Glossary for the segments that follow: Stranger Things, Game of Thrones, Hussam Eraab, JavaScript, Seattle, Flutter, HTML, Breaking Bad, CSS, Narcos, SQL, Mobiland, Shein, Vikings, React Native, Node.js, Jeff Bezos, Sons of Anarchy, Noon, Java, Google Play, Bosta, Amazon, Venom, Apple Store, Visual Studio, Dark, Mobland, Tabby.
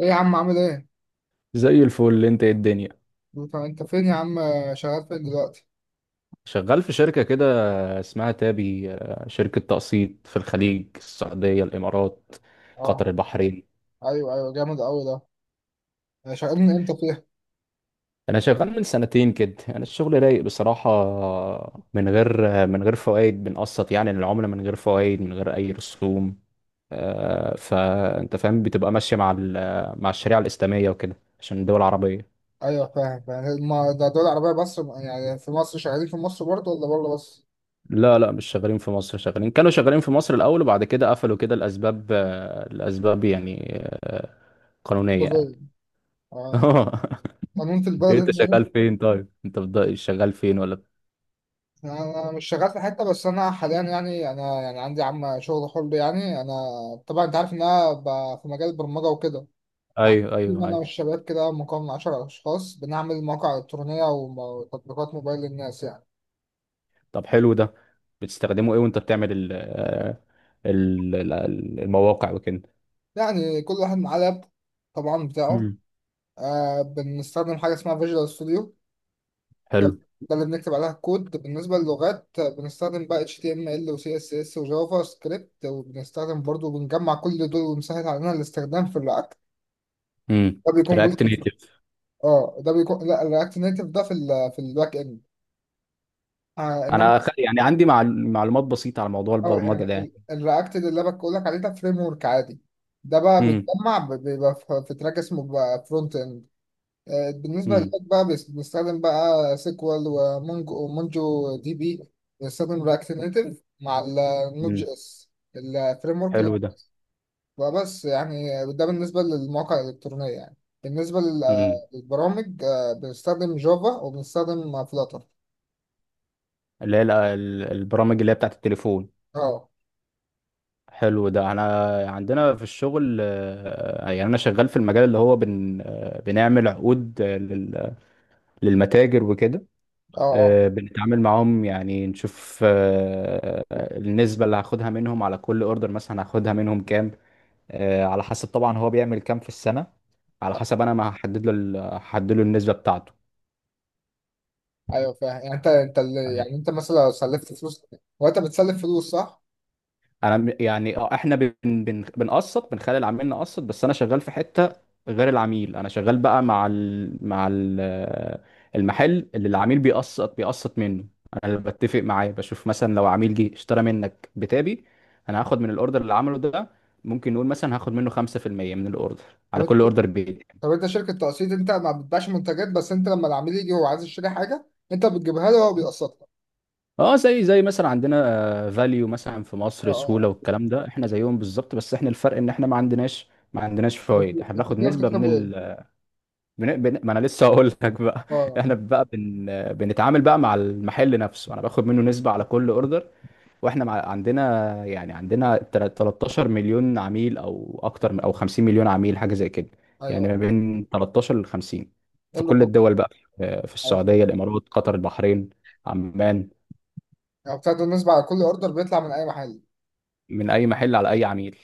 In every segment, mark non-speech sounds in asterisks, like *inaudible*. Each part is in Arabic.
ايه يا عم عامل ايه؟ زي الفل. انت ايه الدنيا؟ انت فين يا عم. شغال فين دلوقتي؟ شغال في شركة كده اسمها تابي، شركة تقسيط في الخليج، السعودية الإمارات قطر اه. البحرين. ايوه، ايوه، جامد قوي ده. يعني شغال من امتى فيها؟ أنا شغال من سنتين كده. أنا الشغل رايق بصراحة، من غير فوائد، بنقسط يعني للعملة من غير فوائد، من غير أي رسوم. فأنت فاهم بتبقى ماشية مع مع الشريعة الإسلامية وكده، عشان الدول العربية. ايوه، فاهم فاهم. ما ده دول عربية، بس يعني في مصر شغالين في مصر برضه ولا بره بس؟ لا لا، مش شغالين في مصر. كانوا شغالين في مصر الأول، وبعد كده قفلوا كده. الأسباب، يعني آه، قانونية يعني. كله. *laughs* اه. قانون في البلد إيه، هنا أنت لازم. شغال فين طيب؟ أنت شغال فين ولا؟ يعني انا مش شغال في حتة، بس انا حاليا، يعني انا يعني عندي عم شغل حر يعني انا. طبعا انت عارف ان انا في مجال البرمجة وكده. أيوه، أيوه، تيم انا أيوه. والشباب كده مكون من 10 اشخاص، بنعمل مواقع الكترونية وتطبيقات موبايل للناس يعني. طب حلو ده. بتستخدمه إيه وأنت بتعمل ال آه، ال- ال- ال- المواقع وكده؟ يعني كل واحد معاه لاب طبعا بتاعه. مم. بنستخدم حاجة اسمها فيجوال ستوديو. حلو. ده ده اللي بنكتب عليها الكود. بالنسبة للغات، بنستخدم بقى HTML و CSS و JavaScript، وبنستخدم برضو بنجمع كل دول ومسهل علينا الاستخدام في الرياكت. امم. ده بيكون رياكت جزء. نيتف؟ اه ده بيكون، لا الرياكت نيتف ده في في الباك اند. انما. أنا يعني عندي معلومات بسيطة على موضوع اه يعني البرمجة ده يعني. الرياكت ده اللي انا بقول لك عليه ده فريم ورك عادي. ده بقى امم. بيتجمع، بيبقى في تراك اسمه فرونت اند. بالنسبة امم. للباك بقى، بنستخدم بقى سيكوال ومونجو ومونجو دي بي. بنستخدم رياكت نيتف مع النوت أمم. جي اس الفريم ورك. حلو. وبس يعني، ده بالنسبة للمواقع الإلكترونية يعني. بالنسبة ده للبرامج، بنستخدم جافا وبنستخدم فلاتر. اللي هي البرامج اللي هي بتاعت التليفون. اه حلو ده. انا عندنا في الشغل، يعني انا شغال في المجال اللي هو بن آه، بنعمل عقود للمتاجر وكده. اه اه. بنتعامل معاهم، يعني نشوف النسبة اللي هاخدها منهم على كل اوردر. مثلا هاخدها منهم كام؟ على حسب طبعا هو بيعمل كام في السنة. على آه. حسب انا، ما هحدد له هحدد له النسبة بتاعته. ايوه فاهم. يعني يعني انت مثلا لو سلفت فلوس، وانت بتسلف فلوس صح؟ انا يعني اه، احنا بن بن بنقسط، بنخلي العميل نقسط. بس انا شغال في حته غير العميل. انا شغال بقى المحل اللي العميل بيقسط منه. انا اللي بتفق معاه، بشوف مثلا لو عميل جه اشترى منك بتابي، انا هاخد من الاوردر اللي عمله ده. ممكن نقول مثلا هاخد منه 5% من الاوردر، طب على انت كل اوردر بيجي. طب انت شركه تقسيط. انت ما بتبيعش منتجات، بس انت لما العميل يجي هو عايز يشتري حاجه، انت بتجيبها له وهو بيقسطها. اه زي مثلا عندنا فاليو مثلا في اه مصر، اه سهوله اه. والكلام ده، احنا زيهم بالظبط. بس احنا الفرق ان احنا ما عندناش، فوائد. احنا انتوا بناخد كده نسبه من بتكسبوا ايه؟ ما انا لسه هقول لك بقى. اه *laughs* اه. احنا بقى بنتعامل بقى مع المحل نفسه. انا باخد منه نسبة على كل اوردر. واحنا عندنا، يعني عندنا 13 مليون عميل، او 50 مليون عميل، حاجة زي كده. يعني ايوه، ما بين 13 ل 50، ايه في اللي كل طب. الدول بقى، في ايوه، السعودية الامارات قطر البحرين عمان. يعني بتاخدوا النسبه على كل اوردر بيطلع من اي محل، من اي محل، على اي عميل،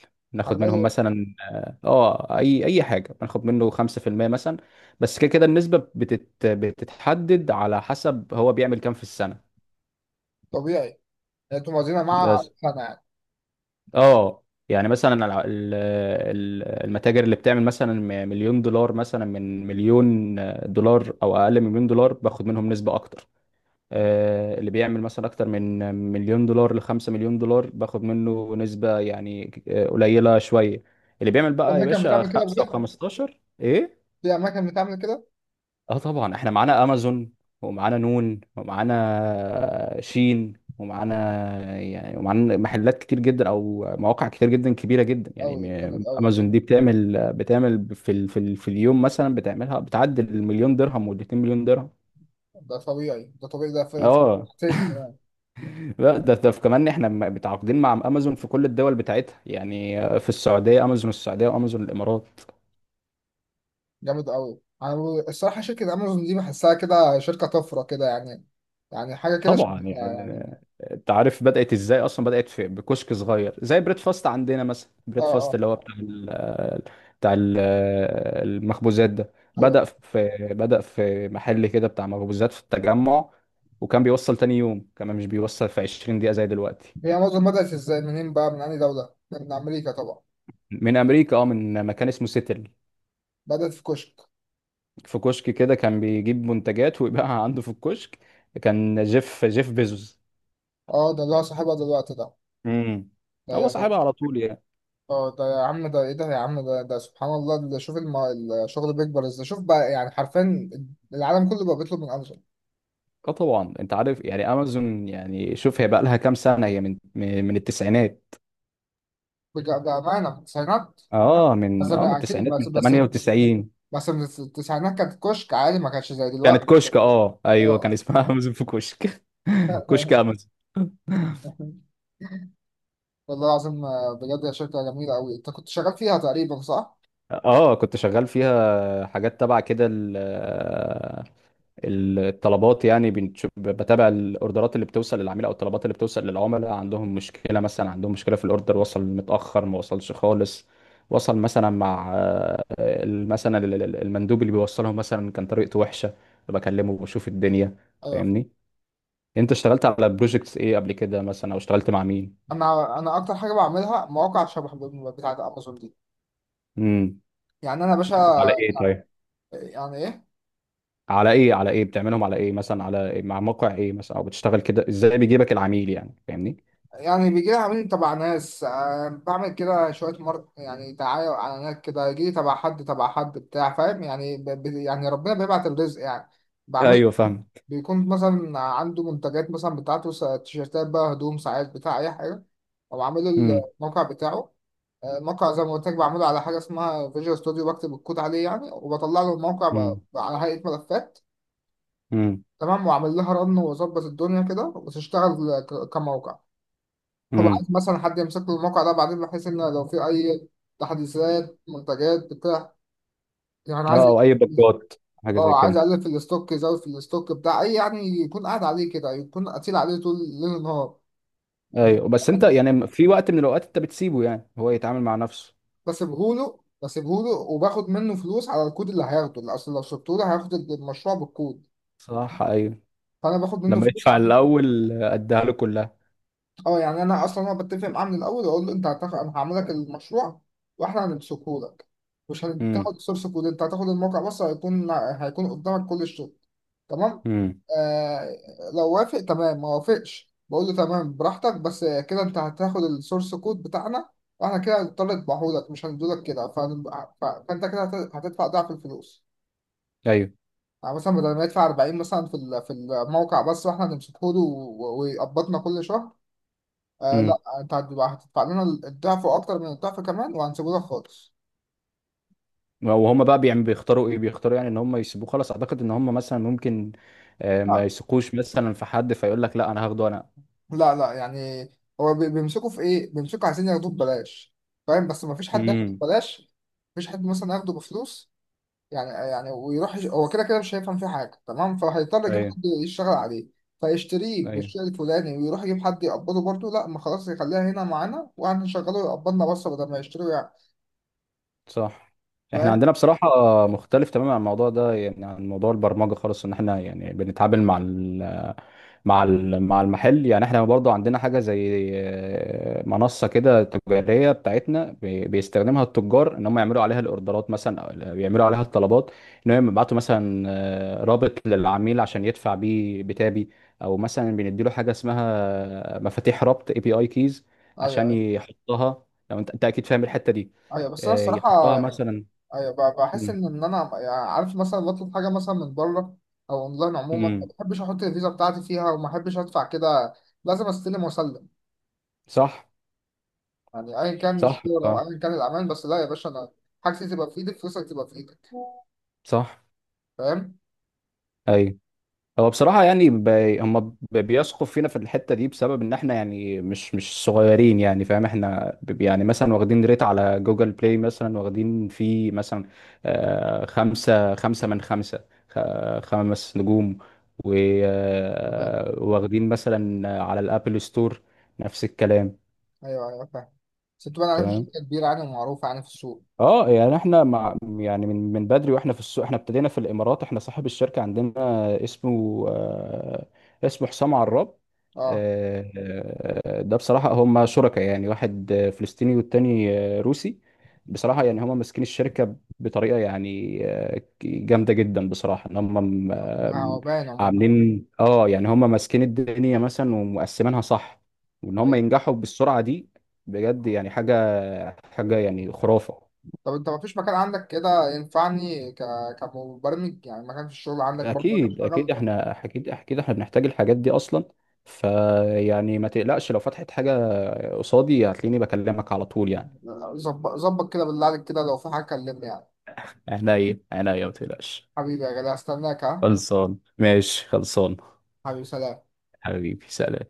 على ناخد منهم اي. مثلا اي حاجه بناخد منه 5% مثلا. بس كده كده النسبه بتتحدد على حسب هو بيعمل كام في السنه طبيعي. يعني انتوا موازينها مع بس. سنه يعني. اه يعني مثلا المتاجر اللي بتعمل مثلا مليون دولار مثلا، من مليون دولار او اقل من مليون دولار، باخد منهم نسبه اكتر. اللي بيعمل مثلا اكتر من مليون دولار لخمسة مليون دولار، باخد منه نسبة يعني قليلة شوية. اللي بيعمل في بقى يا اماكن باشا بتعمل كده خمسة بجد، وخمستاشر ايه. في اماكن بتعمل كده. اه طبعا، احنا معانا امازون، ومعانا نون، ومعانا شين، ومعانا يعني، ومعانا محلات كتير جدا او مواقع كتير جدا، كبيره جدا يعني. قوي، جامد قوي. امازون دي بتعمل في ال في, ال في اليوم مثلا بتعملها بتعدي المليون درهم والاتنين مليون درهم. ده طبيعي، ده طبيعي، ده في اه حاجتين كمان. لا، ده كمان، احنا متعاقدين مع امازون في كل الدول بتاعتها. يعني في السعوديه، امازون السعوديه وامازون الامارات. جامد قوي. انا الصراحه شركه امازون دي بحسها كده شركه طفره كده يعني. يعني حاجه كده طبعا يعني. يعني. انت عارف بدات ازاي اصلا؟ بدات في بكشك صغير، زي بريد فاست عندنا مثلا. اه بريد فاست اه. اللي هو بتاع المخبوزات ده. ايوه. بدا في محل كده بتاع مخبوزات في التجمع. وكان بيوصل تاني يوم، كمان مش بيوصل في 20 دقيقه زي دلوقتي. هي معظم، بدأت ازاي منين بقى، من أنهي دولة؟ من أمريكا طبعا. من امريكا، اه، من مكان اسمه سيتل. بدأت في كشك. في كشك كده، كان بيجيب منتجات ويبيعها عنده في الكشك. كان جيف بيزوس. اه ده اللي هو صاحبها دلوقتي ده. امم. هو ده- صاحبها على طول يعني. اه ده يا عم، ده ايه ده يا عم، ده سبحان الله. ده شوف الشغل بيكبر ازاي. شوف بقى يعني حرفيا، العالم كله بقى بيطلب من امازون. اه طبعا، انت عارف يعني امازون، يعني شوف، هي بقى لها كام سنه؟ هي من التسعينات. بأمانة في التسعينات. اه، بس من أنا أكيد، التسعينات، بس من بس 98. بس من التسعينات كانت كشك عادي، ما كانش زي كانت دلوقتي. كشك. اه ايوه، كان اه. اسمها *laughs* امازون في كشك. *laughs* آه. كشك *laughs* امازون. والله العظيم. بجد يا شركة جميلة أوي، أنت كنت شغال فيها تقريبا صح؟ اه كنت شغال فيها حاجات تبع كده، الطلبات يعني. بتابع الاوردرات اللي بتوصل للعميل، او الطلبات اللي بتوصل للعملاء. عندهم مشكله مثلا، عندهم مشكله في الاوردر: وصل متاخر، ما وصلش خالص، وصل مثلا مع مثلا المندوب اللي بيوصلهم مثلا كان طريقته وحشه. بكلمه بشوف الدنيا، ايوه. فاهمني؟ انت اشتغلت على بروجكتس ايه قبل كده مثلا، او اشتغلت مع مين؟ انا اكتر حاجه بعملها مواقع شبه بتاعت امازون دي. امم. يعني انا باشا، على ايه طيب؟ يعني ايه، على ايه على ايه بتعملهم على ايه مثلا؟ على إيه؟ مع موقع ايه مثلا، او بتشتغل كده ازاي، بيجيبك العميل يعني، فاهمني؟ يعني بيجي لي عميل تبع ناس، بعمل كده شويه مارك، يعني دعايه واعلانات كده. يجي لي تبع حد، تبع حد بتاع، فاهم يعني يعني ربنا بيبعت الرزق يعني. بعمل، ايوه فاهم. بيكون مثلا عنده منتجات مثلا بتاعته، تيشيرتات بقى، هدوم، ساعات، بتاع اي حاجه. وبعمل له امم. الموقع بتاعه. الموقع زي ما قلت لك بعمله على حاجه اسمها فيجوال ستوديو. بكتب الكود عليه يعني، وبطلع له الموقع على هيئه ملفات. امم. تمام. وعمل لها رن وظبط الدنيا كده وتشتغل كموقع. هو امم. عايز مثلا حد يمسك له الموقع ده بعدين، بحيث ان لو في اي تحديثات منتجات بتاع، يعني عايز، اه، او اي بجات، حاجه زي اه عايز كده. اقلل في الاستوك، يزود في الاستوك بتاع اي، يعني يكون قاعد عليه كده، يكون قتيل عليه طول ليل نهار. ايوه، بس انت يعني في وقت من الاوقات انت بتسيبه، يعني هو يتعامل مع نفسه؟ بسيبهوله وباخد منه فلوس على الكود اللي هياخده، اللي اصل لو سبته له هياخد المشروع بالكود. صح. ايوه. فانا باخد منه لما فلوس. يدفع الاول، اديها له كلها. اه يعني انا اصلا انا بتفق معاه من الاول، واقول له انت هتاخد، انا هعمل لك المشروع واحنا هنمسكه لك. مش امم. هتاخد السورس كود، انت هتاخد الموقع بس، هيكون قدامك كل الشغل. تمام. امم. آه. لو وافق تمام، ما وافقش بقول له تمام براحتك، بس كده انت هتاخد السورس كود بتاعنا. واحنا كده هنضطر نطبعهولك، مش هندولك كده، فانت كده هتدفع ضعف الفلوس. ايوه. يعني مثلا بدل ما يدفع 40 مثلا في في الموقع بس، واحنا هنمسكه له ويقبضنا كل شهر. آه لا، امم. انت هتبقى هتدفع لنا الضعف، واكتر من الضعف كمان، وهنسيبه لك خالص. وهم بقى بيعمل بيختاروا ايه؟ بيختاروا يعني ان هم يسيبوه خلاص؟ اعتقد ان هم مثلا ممكن ما لا يثقوش مثلا في حد، فيقول لك لا، انا هاخده انا. لا لا يعني. هو بيمسكوا في ايه، بيمسكوا عايزين ياخدوه ببلاش. فاهم، بس ما فيش حد ياخده امم. ببلاش، مفيش حد مثلا ياخده بفلوس. يعني ويروح هو كده كده مش هيفهم فيه حاجه تمام. فهيضطر يجيب ايوه، حد يشتغل عليه، فيشتريه ايوه. بالشيء الفلاني ويروح يجيب حد يقبضه برضه. لا، ما خلاص يخليها هنا معانا وهنشغله يقبضنا بس، بدل ما يشتريه يعني. صح. احنا فاهم. عندنا بصراحة مختلف تماما عن الموضوع ده، يعني عن موضوع البرمجة خالص. ان احنا يعني بنتعامل مع مع المحل. يعني احنا برضه عندنا حاجه زي منصه كده تجاريه بتاعتنا، بيستخدمها التجار ان هم يعملوا عليها الاوردرات مثلا، أو بيعملوا عليها الطلبات، ان هم يبعتوا مثلا رابط للعميل عشان يدفع بيه بتابي. او مثلا بنديله حاجه اسمها مفاتيح ربط، اي بي اي كيز، ايوه، عشان ايوه، يحطها. لو انت، اكيد فاهم الحته دي. ايوه. بس انا الصراحه، يحطها مثلا. ايوه، بحس مم. ان انا يعني عارف، مثلا بطلب حاجه مثلا من بره او اونلاين عموما، ما مم. بحبش احط الفيزا بتاعتي فيها، وما بحبش ادفع كده. لازم استلم واسلم. صح. يعني ايا كان صح. الشغل او اه. ايا كان الامان، بس لا يا باشا، انا حاجتي تبقى في ايدك، فلوسك تبقى في ايدك. صح. فاهم؟ ايوه. هو بصراحة يعني هم بيثقوا فينا في الحتة دي، بسبب إن إحنا يعني مش صغيرين. يعني فاهم، إحنا يعني مثلا واخدين ريت على جوجل بلاي مثلا، واخدين فيه مثلا خمسة من خمسة، خمس نجوم. و... فاهم. واخدين مثلا على الأبل ستور نفس الكلام. ايوه، ايوه، فاهم. بس تبقى عارف تمام. شركه كبيره يعني، ومعروفه يعني في السوق. اه يعني احنا مع، يعني من بدري واحنا في السوق. احنا ابتدينا في الامارات. احنا صاحب الشركه عندنا اسمه، اسمه حسام عراب. اه، آه، ده بصراحه هم شركاء، يعني واحد فلسطيني والتاني روسي. بصراحه يعني هم ماسكين الشركه بطريقه يعني جامده جدا بصراحه. ان هم م- ما آم، هو باين عموما. عاملين، اه يعني، هم ماسكين الدنيا مثلا ومقسمينها صح. وان هم ايوه. ينجحوا بالسرعه دي بجد، يعني حاجه، يعني خرافه. طب انت ما فيش مكان عندك كده ينفعني كمبرمج، يعني مكان في الشغل عندك برضه اجي اكيد اشتغل اكيد، احنا اكيد اكيد احنا بنحتاج الحاجات دي اصلا. فيعني ما تقلقش، لو فتحت حاجه قصادي هتلاقيني بكلمك على طول يعني. ظبط ظبط كده بالله عليك، كده لو في حاجه كلمني يعني. عينيا عينيا، ما تقلقش. حبيبي يا غالي، هستناك ها. خلصان، ماشي، خلصان. حبيبي سلام. حبيبي سلام.